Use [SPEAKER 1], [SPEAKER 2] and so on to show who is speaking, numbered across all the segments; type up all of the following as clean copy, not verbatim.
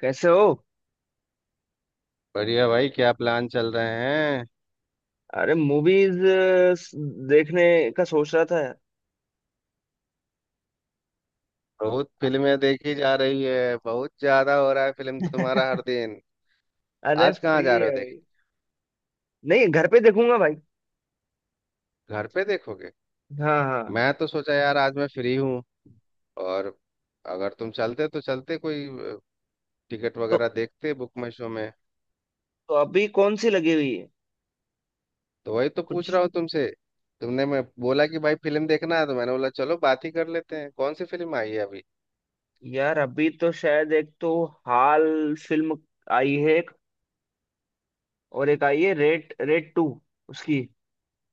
[SPEAKER 1] कैसे हो?
[SPEAKER 2] बढ़िया भाई क्या प्लान चल रहे हैं।
[SPEAKER 1] अरे मूवीज देखने का सोच रहा था यार।
[SPEAKER 2] बहुत फिल्में देखी जा रही है। बहुत ज्यादा हो रहा है फिल्म तुम्हारा हर दिन।
[SPEAKER 1] अरे,
[SPEAKER 2] आज कहाँ
[SPEAKER 1] फ्री
[SPEAKER 2] जा
[SPEAKER 1] है
[SPEAKER 2] रहे हो देख।
[SPEAKER 1] भाई। नहीं, घर पे देखूंगा भाई।
[SPEAKER 2] घर पे देखोगे?
[SPEAKER 1] हाँ, हाँ।
[SPEAKER 2] मैं तो सोचा यार आज मैं फ्री हूँ और अगर तुम चलते तो चलते कोई टिकट
[SPEAKER 1] तो,
[SPEAKER 2] वगैरह देखते बुक माई शो में।
[SPEAKER 1] तो अभी कौन सी लगी हुई है?
[SPEAKER 2] तो वही तो पूछ
[SPEAKER 1] कुछ।
[SPEAKER 2] रहा हूँ तुमसे। तुमने मैं बोला कि भाई फिल्म देखना है तो मैंने बोला चलो बात ही कर लेते हैं कौन सी फिल्म आई है अभी।
[SPEAKER 1] यार, अभी तो शायद एक तो हाल फिल्म आई है, एक और एक आई है रेड रेड टू, उसकी,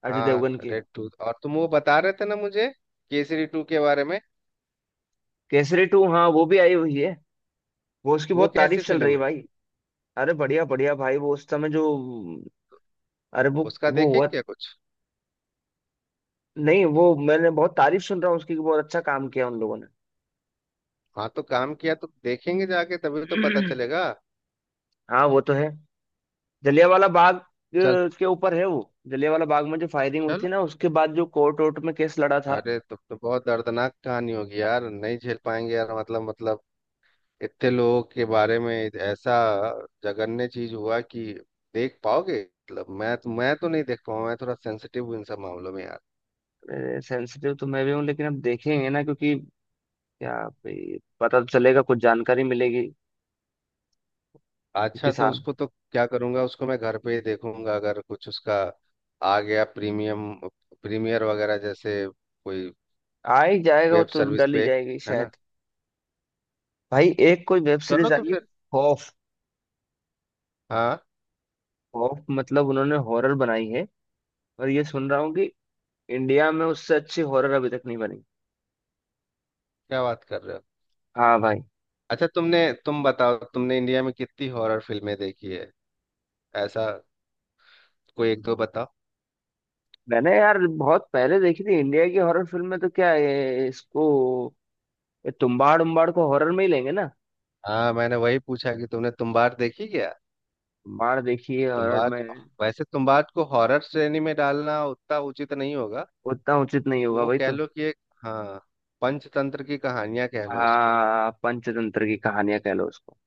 [SPEAKER 1] अजय देवगन
[SPEAKER 2] हाँ,
[SPEAKER 1] की।
[SPEAKER 2] Raid Two. और तुम वो बता रहे थे ना मुझे केसरी टू के बारे में।
[SPEAKER 1] केसरी टू, हाँ वो भी आई हुई है। वो उसकी
[SPEAKER 2] वो
[SPEAKER 1] बहुत
[SPEAKER 2] कैसी
[SPEAKER 1] तारीफ चल रही
[SPEAKER 2] फिल्म
[SPEAKER 1] है
[SPEAKER 2] है?
[SPEAKER 1] भाई। अरे, बढ़िया बढ़िया भाई। वो उस समय जो, अरे वो
[SPEAKER 2] उसका
[SPEAKER 1] वो
[SPEAKER 2] देखे
[SPEAKER 1] हुआ।
[SPEAKER 2] क्या कुछ।
[SPEAKER 1] नहीं वो, मैंने बहुत तारीफ सुन रहा हूँ उसकी कि बहुत अच्छा काम किया उन लोगों ने।
[SPEAKER 2] हाँ तो काम किया तो देखेंगे जाके तभी तो पता
[SPEAKER 1] हाँ,
[SPEAKER 2] चलेगा।
[SPEAKER 1] वो तो है। जलियांवाला बाग
[SPEAKER 2] चल।
[SPEAKER 1] के ऊपर है वो। जलियांवाला बाग में जो फायरिंग हुई
[SPEAKER 2] चलो।
[SPEAKER 1] थी ना, उसके बाद जो कोर्ट वोर्ट में केस लड़ा था।
[SPEAKER 2] अरे तब तो बहुत दर्दनाक कहानी होगी यार नहीं झेल पाएंगे यार मतलब इतने लोगों के बारे में ऐसा जघन्य चीज हुआ कि देख पाओगे। मतलब मैं तो नहीं देख पाऊंगा। मैं थोड़ा सेंसिटिव हूँ इन सब मामलों में यार।
[SPEAKER 1] सेंसिटिव तो मैं भी हूँ, लेकिन अब देखेंगे ना क्योंकि क्या भाई, पता तो चलेगा, कुछ जानकारी मिलेगी। क्योंकि
[SPEAKER 2] अच्छा तो
[SPEAKER 1] साहब।
[SPEAKER 2] उसको तो क्या करूंगा उसको मैं घर पे ही देखूंगा अगर कुछ उसका आ गया प्रीमियम प्रीमियर वगैरह जैसे कोई
[SPEAKER 1] आ ही जाएगा, वो
[SPEAKER 2] वेब
[SPEAKER 1] तो
[SPEAKER 2] सर्विस
[SPEAKER 1] डल ही
[SPEAKER 2] पे।
[SPEAKER 1] जाएगी
[SPEAKER 2] है ना?
[SPEAKER 1] शायद। भाई, एक कोई वेब
[SPEAKER 2] चलो
[SPEAKER 1] सीरीज
[SPEAKER 2] तो
[SPEAKER 1] आई है,
[SPEAKER 2] फिर।
[SPEAKER 1] खौफ।
[SPEAKER 2] हाँ।
[SPEAKER 1] खौफ मतलब उन्होंने हॉरर बनाई है। और ये सुन रहा हूँ कि इंडिया में उससे अच्छी हॉरर अभी तक नहीं बनी।
[SPEAKER 2] क्या बात कर रहे हो?
[SPEAKER 1] हाँ भाई।
[SPEAKER 2] अच्छा तुमने। तुम बताओ तुमने इंडिया में कितनी हॉरर फिल्में देखी है? ऐसा कोई एक दो बताओ।
[SPEAKER 1] मैंने यार बहुत पहले देखी थी इंडिया की हॉरर फिल्म में। तो क्या है इसको, ये तुम्बाड़ उम्बाड़ को हॉरर में ही लेंगे ना?
[SPEAKER 2] हाँ, मैंने वही पूछा कि तुमने तुम्बाड़ देखी क्या।
[SPEAKER 1] तुम्बाड़ देखिए हॉरर
[SPEAKER 2] तुम्बाड़।
[SPEAKER 1] में।
[SPEAKER 2] वैसे तुम्बाड़ को हॉरर श्रेणी में डालना उतना उचित नहीं होगा।
[SPEAKER 1] उतना उचित नहीं होगा
[SPEAKER 2] वो
[SPEAKER 1] भाई,
[SPEAKER 2] कह
[SPEAKER 1] तो।
[SPEAKER 2] लो कि एक, हाँ, पंचतंत्र की कहानियां कह लो उसको।
[SPEAKER 1] हाँ, पंचतंत्र की कहानियां कह लो उसको।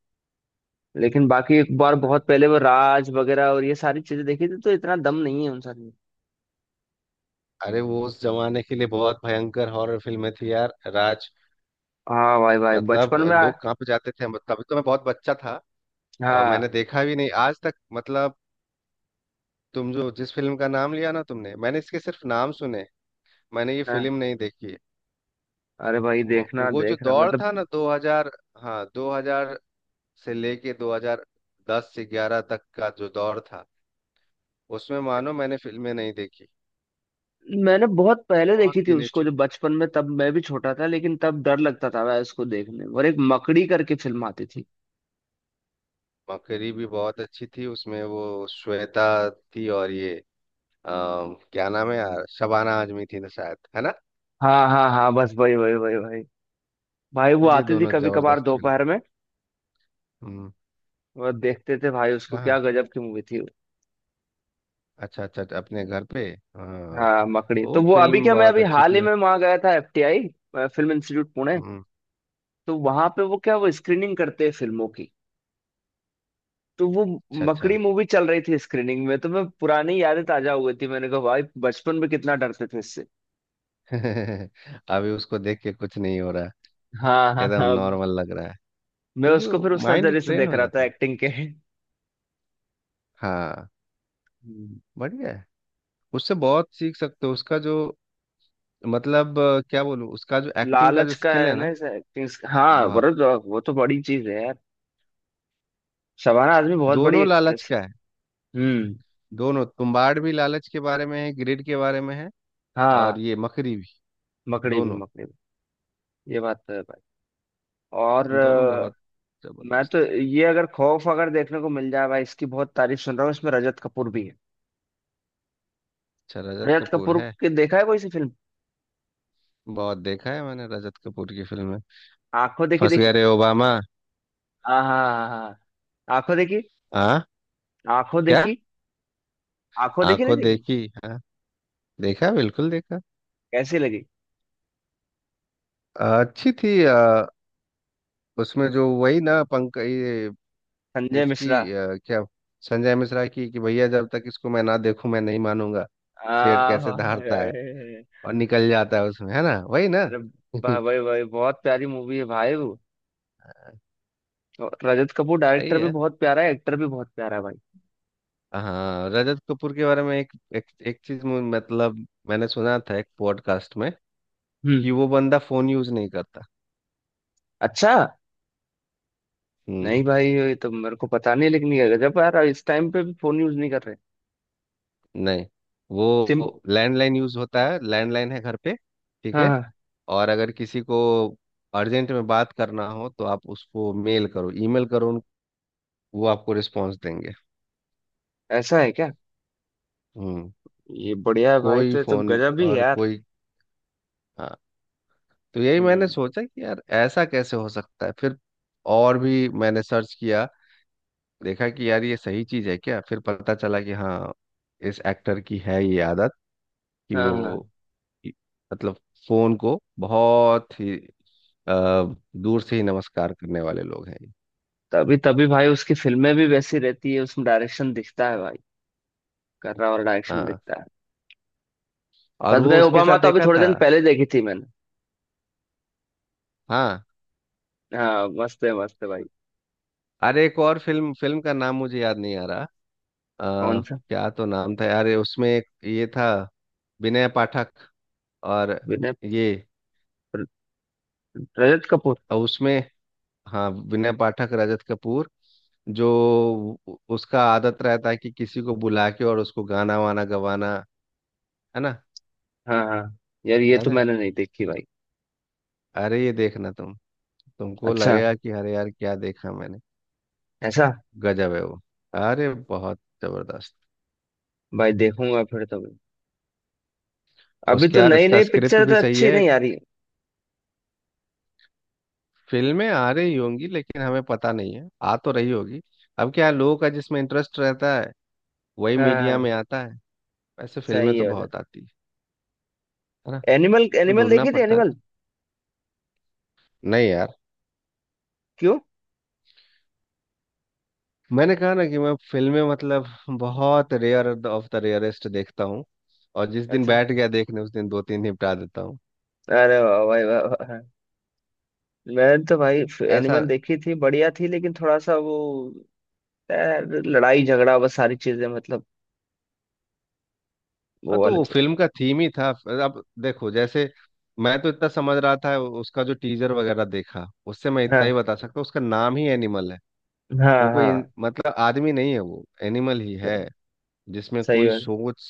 [SPEAKER 1] लेकिन बाकी एक बार
[SPEAKER 2] है ना?
[SPEAKER 1] बहुत पहले वो राज वगैरह और ये सारी चीजें देखी थी, तो इतना दम नहीं है उन सारी में।
[SPEAKER 2] अरे वो उस जमाने के लिए बहुत भयंकर हॉरर फिल्में थी यार राज।
[SPEAKER 1] हाँ, भाई भाई,
[SPEAKER 2] मतलब
[SPEAKER 1] बचपन में
[SPEAKER 2] लोग कांप जाते थे मतलब, तभी तो मैं बहुत बच्चा था। मैंने
[SPEAKER 1] हाँ,
[SPEAKER 2] देखा भी नहीं आज तक मतलब। तुम जो जिस फिल्म का नाम लिया ना तुमने मैंने इसके सिर्फ नाम सुने। मैंने ये
[SPEAKER 1] हाँ।
[SPEAKER 2] फिल्म नहीं देखी है।
[SPEAKER 1] अरे भाई,
[SPEAKER 2] म-
[SPEAKER 1] देखना
[SPEAKER 2] वो जो
[SPEAKER 1] देखना
[SPEAKER 2] दौर
[SPEAKER 1] मतलब।
[SPEAKER 2] था ना 2000। हाँ, 2000 से लेके 2010 से 11 तक का जो दौर था उसमें मानो मैंने फिल्में नहीं देखी,
[SPEAKER 1] मैंने बहुत पहले
[SPEAKER 2] बहुत
[SPEAKER 1] देखी थी
[SPEAKER 2] गिने
[SPEAKER 1] उसको,
[SPEAKER 2] चुने।
[SPEAKER 1] जब बचपन में तब मैं भी छोटा था। लेकिन तब डर लगता था मैं उसको देखने में। और एक मकड़ी करके फिल्म आती थी।
[SPEAKER 2] मकरी भी बहुत अच्छी थी उसमें। वो श्वेता थी और ये आ, क्या नाम है यार, शबाना आजमी थी ना शायद। है ना?
[SPEAKER 1] हाँ, हाँ, हाँ, बस वही वही वही वही। भाई वो
[SPEAKER 2] ये
[SPEAKER 1] आती थी
[SPEAKER 2] दोनों
[SPEAKER 1] कभी कभार
[SPEAKER 2] जबरदस्त फिल्म है।
[SPEAKER 1] दोपहर में।
[SPEAKER 2] हम्म।
[SPEAKER 1] वो देखते थे भाई उसको,
[SPEAKER 2] कहाँ?
[SPEAKER 1] क्या गजब की मूवी थी वो।
[SPEAKER 2] अच्छा अच्छा अच्छा, अपने घर पे। हाँ
[SPEAKER 1] हाँ, मकड़ी
[SPEAKER 2] वो
[SPEAKER 1] तो वो। अभी
[SPEAKER 2] फिल्म
[SPEAKER 1] क्या, मैं
[SPEAKER 2] बहुत
[SPEAKER 1] अभी
[SPEAKER 2] अच्छी
[SPEAKER 1] हाल ही
[SPEAKER 2] थी।
[SPEAKER 1] में वहां गया था, एफटीआई फिल्म इंस्टीट्यूट पुणे।
[SPEAKER 2] हम्म।
[SPEAKER 1] तो वहां पे वो क्या, वो स्क्रीनिंग करते हैं फिल्मों की। तो वो
[SPEAKER 2] अच्छा
[SPEAKER 1] मकड़ी
[SPEAKER 2] अच्छा।
[SPEAKER 1] मूवी चल रही थी स्क्रीनिंग में। तो मैं, पुरानी यादें ताजा हो गई थी, मैंने कहा भाई, बचपन में कितना डरते थे इससे।
[SPEAKER 2] अभी उसको देख के कुछ नहीं हो रहा है।
[SPEAKER 1] हाँ, हाँ,
[SPEAKER 2] एकदम
[SPEAKER 1] हाँ।
[SPEAKER 2] नॉर्मल लग रहा है
[SPEAKER 1] मैं
[SPEAKER 2] क्योंकि
[SPEAKER 1] उसको
[SPEAKER 2] वो
[SPEAKER 1] फिर उस
[SPEAKER 2] माइंड
[SPEAKER 1] नजरिए से
[SPEAKER 2] ट्रेन
[SPEAKER 1] देख
[SPEAKER 2] हो
[SPEAKER 1] रहा था,
[SPEAKER 2] जाता है।
[SPEAKER 1] एक्टिंग के।
[SPEAKER 2] हाँ।
[SPEAKER 1] हम्म,
[SPEAKER 2] बढ़िया है। उससे बहुत सीख सकते हो उसका जो, मतलब क्या बोलूँ, उसका जो एक्टिंग का
[SPEAKER 1] लालच
[SPEAKER 2] जो
[SPEAKER 1] का
[SPEAKER 2] स्किल
[SPEAKER 1] है
[SPEAKER 2] है
[SPEAKER 1] ना,
[SPEAKER 2] ना।
[SPEAKER 1] इस एक्टिंग। हाँ,
[SPEAKER 2] बहुत।
[SPEAKER 1] बरबर, वो तो बड़ी चीज है यार। शबाना आजमी बहुत बड़ी
[SPEAKER 2] दोनों लालच
[SPEAKER 1] एक्ट्रेस
[SPEAKER 2] का है।
[SPEAKER 1] है। हम्म।
[SPEAKER 2] दोनों, तुम्बाड़ भी लालच के बारे में है, ग्रिड के बारे में है। और
[SPEAKER 1] हाँ,
[SPEAKER 2] ये मकरी भी।
[SPEAKER 1] मकड़ी भी,
[SPEAKER 2] दोनों।
[SPEAKER 1] मकड़ी भी। ये बात तो है भाई। और
[SPEAKER 2] दोनों बहुत
[SPEAKER 1] मैं तो
[SPEAKER 2] जबरदस्त।
[SPEAKER 1] ये, अगर खौफ अगर देखने को मिल जाए भाई, इसकी बहुत तारीफ सुन रहा हूँ। इसमें रजत कपूर भी है।
[SPEAKER 2] अच्छा रजत
[SPEAKER 1] रजत
[SPEAKER 2] कपूर
[SPEAKER 1] कपूर
[SPEAKER 2] है।
[SPEAKER 1] के देखा है कोई सी फिल्म?
[SPEAKER 2] बहुत देखा है मैंने रजत कपूर की फिल्में।
[SPEAKER 1] आंखों देखी
[SPEAKER 2] फंस
[SPEAKER 1] देखी?
[SPEAKER 2] गए रे ओबामा।
[SPEAKER 1] हाँ, हाँ, हाँ। आंखों देखी।
[SPEAKER 2] हाँ,
[SPEAKER 1] आंखों
[SPEAKER 2] क्या?
[SPEAKER 1] देखी। आंखों देखी नहीं
[SPEAKER 2] आंखों
[SPEAKER 1] देखी?
[SPEAKER 2] देखी। हाँ, देखा बिल्कुल देखा।
[SPEAKER 1] कैसी लगी?
[SPEAKER 2] अच्छी थी। उसमें जो वही ना पंक ये,
[SPEAKER 1] संजय मिश्रा।
[SPEAKER 2] इसकी क्या, संजय मिश्रा की, कि भैया जब तक इसको मैं ना देखूं मैं नहीं मानूंगा। शेर
[SPEAKER 1] आ
[SPEAKER 2] कैसे दहाड़ता है
[SPEAKER 1] भाई।
[SPEAKER 2] और निकल जाता है उसमें, है ना, वही ना।
[SPEAKER 1] अरे भाई, भाई, भाई, बहुत प्यारी मूवी है भाई वो। और रजत कपूर
[SPEAKER 2] सही
[SPEAKER 1] डायरेक्टर भी
[SPEAKER 2] है।
[SPEAKER 1] बहुत प्यारा है, एक्टर भी बहुत प्यारा है भाई।
[SPEAKER 2] हाँ रजत कपूर के बारे में एक एक चीज, मतलब मैंने सुना था एक पॉडकास्ट में,
[SPEAKER 1] हम्म।
[SPEAKER 2] कि वो बंदा फोन यूज नहीं करता।
[SPEAKER 1] अच्छा। नहीं
[SPEAKER 2] हम्म।
[SPEAKER 1] भाई, ये तो मेरे को पता नहीं। लेकिन ये गजब है यार, इस टाइम पे भी फोन यूज नहीं कर रहे।
[SPEAKER 2] नहीं,
[SPEAKER 1] सिम।
[SPEAKER 2] वो लैंडलाइन यूज होता है। लैंडलाइन है घर पे। ठीक
[SPEAKER 1] हाँ,
[SPEAKER 2] है।
[SPEAKER 1] हाँ।
[SPEAKER 2] और अगर किसी को अर्जेंट में बात करना हो तो आप उसको मेल करो, ईमेल करो, वो आपको रिस्पॉन्स देंगे।
[SPEAKER 1] ऐसा है क्या?
[SPEAKER 2] हम्म।
[SPEAKER 1] ये बढ़िया है भाई,
[SPEAKER 2] कोई
[SPEAKER 1] तो ये तो
[SPEAKER 2] फोन
[SPEAKER 1] गजब ही है
[SPEAKER 2] और
[SPEAKER 1] यार।
[SPEAKER 2] कोई। हाँ, तो यही मैंने
[SPEAKER 1] हम्म।
[SPEAKER 2] सोचा कि यार ऐसा कैसे हो सकता है, फिर और भी मैंने सर्च किया, देखा कि यार ये सही चीज है क्या, फिर पता चला कि हाँ, इस एक्टर की है ये आदत, कि
[SPEAKER 1] हाँ, हाँ।
[SPEAKER 2] वो मतलब फोन को बहुत ही अ, दूर से ही नमस्कार करने वाले लोग हैं ये।
[SPEAKER 1] तभी तभी भाई, उसकी फिल्में भी वैसी रहती है, उसमें डायरेक्शन दिखता है भाई। कर रहा, और डायरेक्शन
[SPEAKER 2] हाँ।
[SPEAKER 1] दिखता है।
[SPEAKER 2] और
[SPEAKER 1] फंस
[SPEAKER 2] वो
[SPEAKER 1] गए
[SPEAKER 2] उसके साथ
[SPEAKER 1] ओबामा तो अभी
[SPEAKER 2] देखा
[SPEAKER 1] थोड़े
[SPEAKER 2] था।
[SPEAKER 1] दिन पहले देखी थी मैंने।
[SPEAKER 2] हाँ।
[SPEAKER 1] हाँ, मस्त है भाई।
[SPEAKER 2] अरे एक और फिल्म फिल्म का नाम मुझे याद नहीं आ रहा।
[SPEAKER 1] कौन
[SPEAKER 2] अ,
[SPEAKER 1] सा?
[SPEAKER 2] क्या तो नाम था यार, ये उसमें एक ये था विनय पाठक और
[SPEAKER 1] विनय।
[SPEAKER 2] ये,
[SPEAKER 1] रजत कपूर।
[SPEAKER 2] और उसमें, हाँ, विनय पाठक रजत कपूर। जो उसका आदत रहता है कि किसी को बुला के और उसको गाना वाना गवाना, है ना।
[SPEAKER 1] हाँ, हाँ। यार, ये
[SPEAKER 2] याद
[SPEAKER 1] तो
[SPEAKER 2] है?
[SPEAKER 1] मैंने नहीं देखी भाई।
[SPEAKER 2] अरे ये देखना तुम। तुमको
[SPEAKER 1] अच्छा।
[SPEAKER 2] लगेगा कि अरे यार क्या देखा मैंने।
[SPEAKER 1] ऐसा।
[SPEAKER 2] गजब है वो। अरे बहुत जबरदस्त।
[SPEAKER 1] भाई देखूंगा फिर तो मैं। अभी तो
[SPEAKER 2] उसका
[SPEAKER 1] नई
[SPEAKER 2] उसका
[SPEAKER 1] नई
[SPEAKER 2] स्क्रिप्ट
[SPEAKER 1] पिक्चर
[SPEAKER 2] भी
[SPEAKER 1] तो
[SPEAKER 2] सही
[SPEAKER 1] अच्छी
[SPEAKER 2] है।
[SPEAKER 1] नहीं आ रही।
[SPEAKER 2] फिल्में आ रही होंगी लेकिन हमें पता नहीं है, आ तो रही होगी। अब क्या है, लोगों का जिसमें इंटरेस्ट रहता है वही
[SPEAKER 1] हाँ,
[SPEAKER 2] मीडिया
[SPEAKER 1] हाँ,
[SPEAKER 2] में आता है। वैसे फिल्में
[SPEAKER 1] सही
[SPEAKER 2] तो
[SPEAKER 1] है।
[SPEAKER 2] बहुत आती है। है ना?
[SPEAKER 1] एनिमल, एनिमल
[SPEAKER 2] ढूंढना
[SPEAKER 1] देखी थी
[SPEAKER 2] पड़ता है।
[SPEAKER 1] एनिमल।
[SPEAKER 2] नहीं यार,
[SPEAKER 1] क्यों?
[SPEAKER 2] मैंने कहा ना कि मैं फिल्में मतलब बहुत रेयर ऑफ द रेयरेस्ट देखता हूँ। और जिस दिन
[SPEAKER 1] अच्छा।
[SPEAKER 2] बैठ गया देखने उस दिन दो तीन निपटा देता हूँ।
[SPEAKER 1] अरे वाह भाई, वाह वाह वाह। मैंने तो भाई
[SPEAKER 2] ऐसा।
[SPEAKER 1] एनिमल देखी थी, बढ़िया थी, लेकिन थोड़ा सा वो, यार, लड़ाई झगड़ा बस सारी चीजें मतलब,
[SPEAKER 2] हाँ,
[SPEAKER 1] वो
[SPEAKER 2] तो
[SPEAKER 1] वाले
[SPEAKER 2] वो
[SPEAKER 1] चीज।
[SPEAKER 2] फिल्म का थीम ही था। अब देखो जैसे, मैं तो इतना समझ रहा था उसका जो टीजर वगैरह देखा उससे, मैं इतना
[SPEAKER 1] हाँ,
[SPEAKER 2] ही बता सकता हूँ, उसका नाम ही एनिमल है।
[SPEAKER 1] हाँ,
[SPEAKER 2] वो कोई
[SPEAKER 1] हाँ।
[SPEAKER 2] मतलब आदमी नहीं है, वो एनिमल ही है,
[SPEAKER 1] सही।
[SPEAKER 2] जिसमें
[SPEAKER 1] सही
[SPEAKER 2] कोई
[SPEAKER 1] बात।
[SPEAKER 2] सोच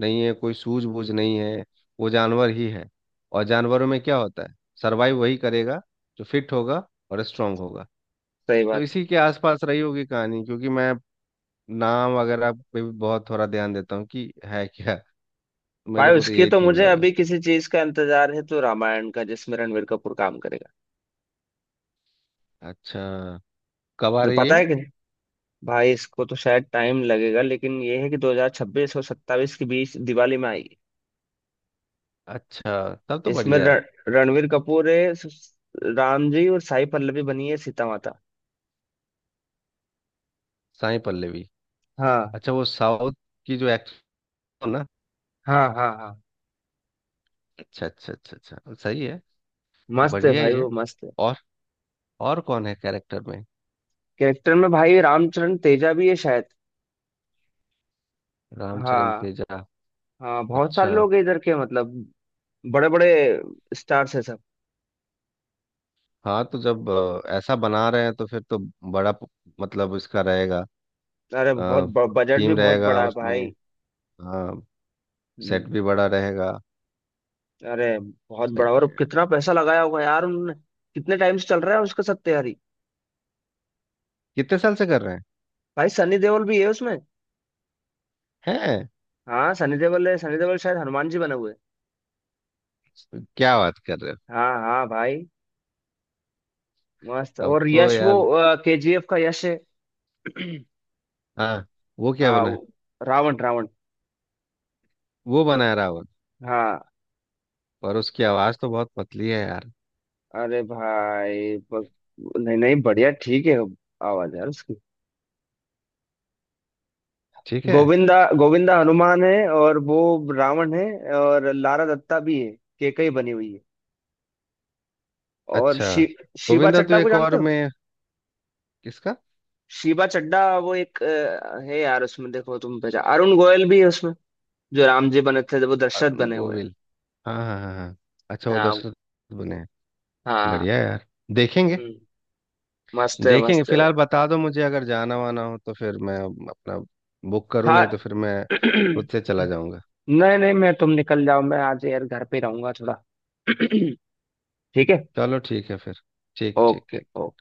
[SPEAKER 2] नहीं है, कोई सूझबूझ नहीं है। वो जानवर ही है। और जानवरों में क्या होता है, सरवाइव वही करेगा जो फिट होगा और स्ट्रांग होगा।
[SPEAKER 1] सही
[SPEAKER 2] तो
[SPEAKER 1] बात है।
[SPEAKER 2] इसी के आसपास रही होगी कहानी, क्योंकि मैं नाम वगैरह पे भी बहुत थोड़ा ध्यान देता हूँ कि है क्या। मेरे
[SPEAKER 1] भाई,
[SPEAKER 2] को तो
[SPEAKER 1] उसकी
[SPEAKER 2] यही
[SPEAKER 1] तो
[SPEAKER 2] थीम
[SPEAKER 1] मुझे
[SPEAKER 2] लगा।
[SPEAKER 1] अभी किसी चीज का इंतजार है, तो रामायण का, जिसमें रणवीर कपूर काम करेगा।
[SPEAKER 2] अच्छा। कब आ
[SPEAKER 1] जो
[SPEAKER 2] रही है?
[SPEAKER 1] पता है कि, भाई इसको तो शायद टाइम लगेगा, लेकिन ये है कि 2026 और 27 के बीच दिवाली में आएगी।
[SPEAKER 2] अच्छा तब तो
[SPEAKER 1] इसमें
[SPEAKER 2] बढ़िया है।
[SPEAKER 1] रणवीर कपूर है राम जी, और साई पल्लवी बनी है सीता माता।
[SPEAKER 2] साई पल्लवी।
[SPEAKER 1] हाँ,
[SPEAKER 2] अच्छा वो साउथ की जो एक्टर ना।
[SPEAKER 1] हाँ, हाँ, हाँ।
[SPEAKER 2] अच्छा अच्छा अच्छा अच्छा, सही है।
[SPEAKER 1] मस्त है
[SPEAKER 2] बढ़िया ही
[SPEAKER 1] भाई
[SPEAKER 2] है।
[SPEAKER 1] वो, मस्त है।
[SPEAKER 2] और और कौन है कैरेक्टर में?
[SPEAKER 1] कैरेक्टर में भाई रामचरण तेजा भी है शायद।
[SPEAKER 2] रामचरण
[SPEAKER 1] हाँ,
[SPEAKER 2] तेजा।
[SPEAKER 1] हाँ, बहुत
[SPEAKER 2] अच्छा।
[SPEAKER 1] सारे लोग हैं इधर के मतलब, बड़े बड़े स्टार्स है सब।
[SPEAKER 2] हाँ तो जब ऐसा बना रहे हैं तो फिर तो बड़ा मतलब इसका रहेगा,
[SPEAKER 1] अरे बहुत, बजट भी
[SPEAKER 2] थीम
[SPEAKER 1] बहुत
[SPEAKER 2] रहेगा
[SPEAKER 1] बड़ा है
[SPEAKER 2] उसमें।
[SPEAKER 1] भाई।
[SPEAKER 2] हाँ, सेट
[SPEAKER 1] हम्म।
[SPEAKER 2] भी बड़ा रहेगा।
[SPEAKER 1] अरे बहुत बड़ा,
[SPEAKER 2] सही
[SPEAKER 1] और
[SPEAKER 2] है।
[SPEAKER 1] कितना पैसा लगाया होगा यार उन्होंने। कितने टाइम से चल रहा है उसका सत्यारी।
[SPEAKER 2] कितने साल से कर रहे
[SPEAKER 1] भाई सनी देओल भी है उसमें।
[SPEAKER 2] हैं।
[SPEAKER 1] हाँ, सनी देओल है, सनी देओल शायद हनुमान जी बने हुए हैं।
[SPEAKER 2] क्या बात कर रहे
[SPEAKER 1] हाँ, हाँ भाई। मस्त,
[SPEAKER 2] हो, अब
[SPEAKER 1] और
[SPEAKER 2] तो
[SPEAKER 1] यश, वो
[SPEAKER 2] यार।
[SPEAKER 1] केजीएफ का यश है।
[SPEAKER 2] हाँ वो क्या
[SPEAKER 1] हाँ
[SPEAKER 2] बना?
[SPEAKER 1] रावण, रावण।
[SPEAKER 2] वो बनाए रावत।
[SPEAKER 1] हाँ।
[SPEAKER 2] पर उसकी आवाज तो बहुत पतली है यार।
[SPEAKER 1] अरे भाई नहीं, नहीं, बढ़िया ठीक है। आवाज यार उसकी।
[SPEAKER 2] ठीक है।
[SPEAKER 1] गोविंदा। गोविंदा हनुमान है और वो रावण है। और लारा दत्ता भी है, केकई बनी हुई है। और
[SPEAKER 2] अच्छा
[SPEAKER 1] शिवा
[SPEAKER 2] गोविंदा तो
[SPEAKER 1] चड्ढा को
[SPEAKER 2] एक
[SPEAKER 1] जानते
[SPEAKER 2] और
[SPEAKER 1] हो?
[SPEAKER 2] में। किसका?
[SPEAKER 1] शिवा चड्ढा वो एक है यार, उसमें देखो तुम पहचान, अरुण गोयल भी है। जो राम जी बने थे, जब वो
[SPEAKER 2] अ,
[SPEAKER 1] दशरथ बने हुए हैं।
[SPEAKER 2] गोविल। हाँ हाँ हाँ हाँ। अच्छा वो
[SPEAKER 1] हाँ,
[SPEAKER 2] दशरथ बने हैं।
[SPEAKER 1] हाँ।
[SPEAKER 2] बढ़िया यार। देखेंगे।
[SPEAKER 1] हम्म,
[SPEAKER 2] देखेंगे,
[SPEAKER 1] मस्त है भाई।
[SPEAKER 2] फिलहाल बता दो मुझे, अगर जाना वाना हो तो फिर मैं अपना बुक करूँ,
[SPEAKER 1] हाँ।
[SPEAKER 2] नहीं तो फिर मैं खुद से चला जाऊंगा।
[SPEAKER 1] नहीं, नहीं, मैं, तुम निकल जाओ, मैं आज यार घर पे रहूंगा थोड़ा। ठीक है।
[SPEAKER 2] चलो ठीक है फिर। ठीक ठीक
[SPEAKER 1] ओके,
[SPEAKER 2] ठीक।
[SPEAKER 1] ओके।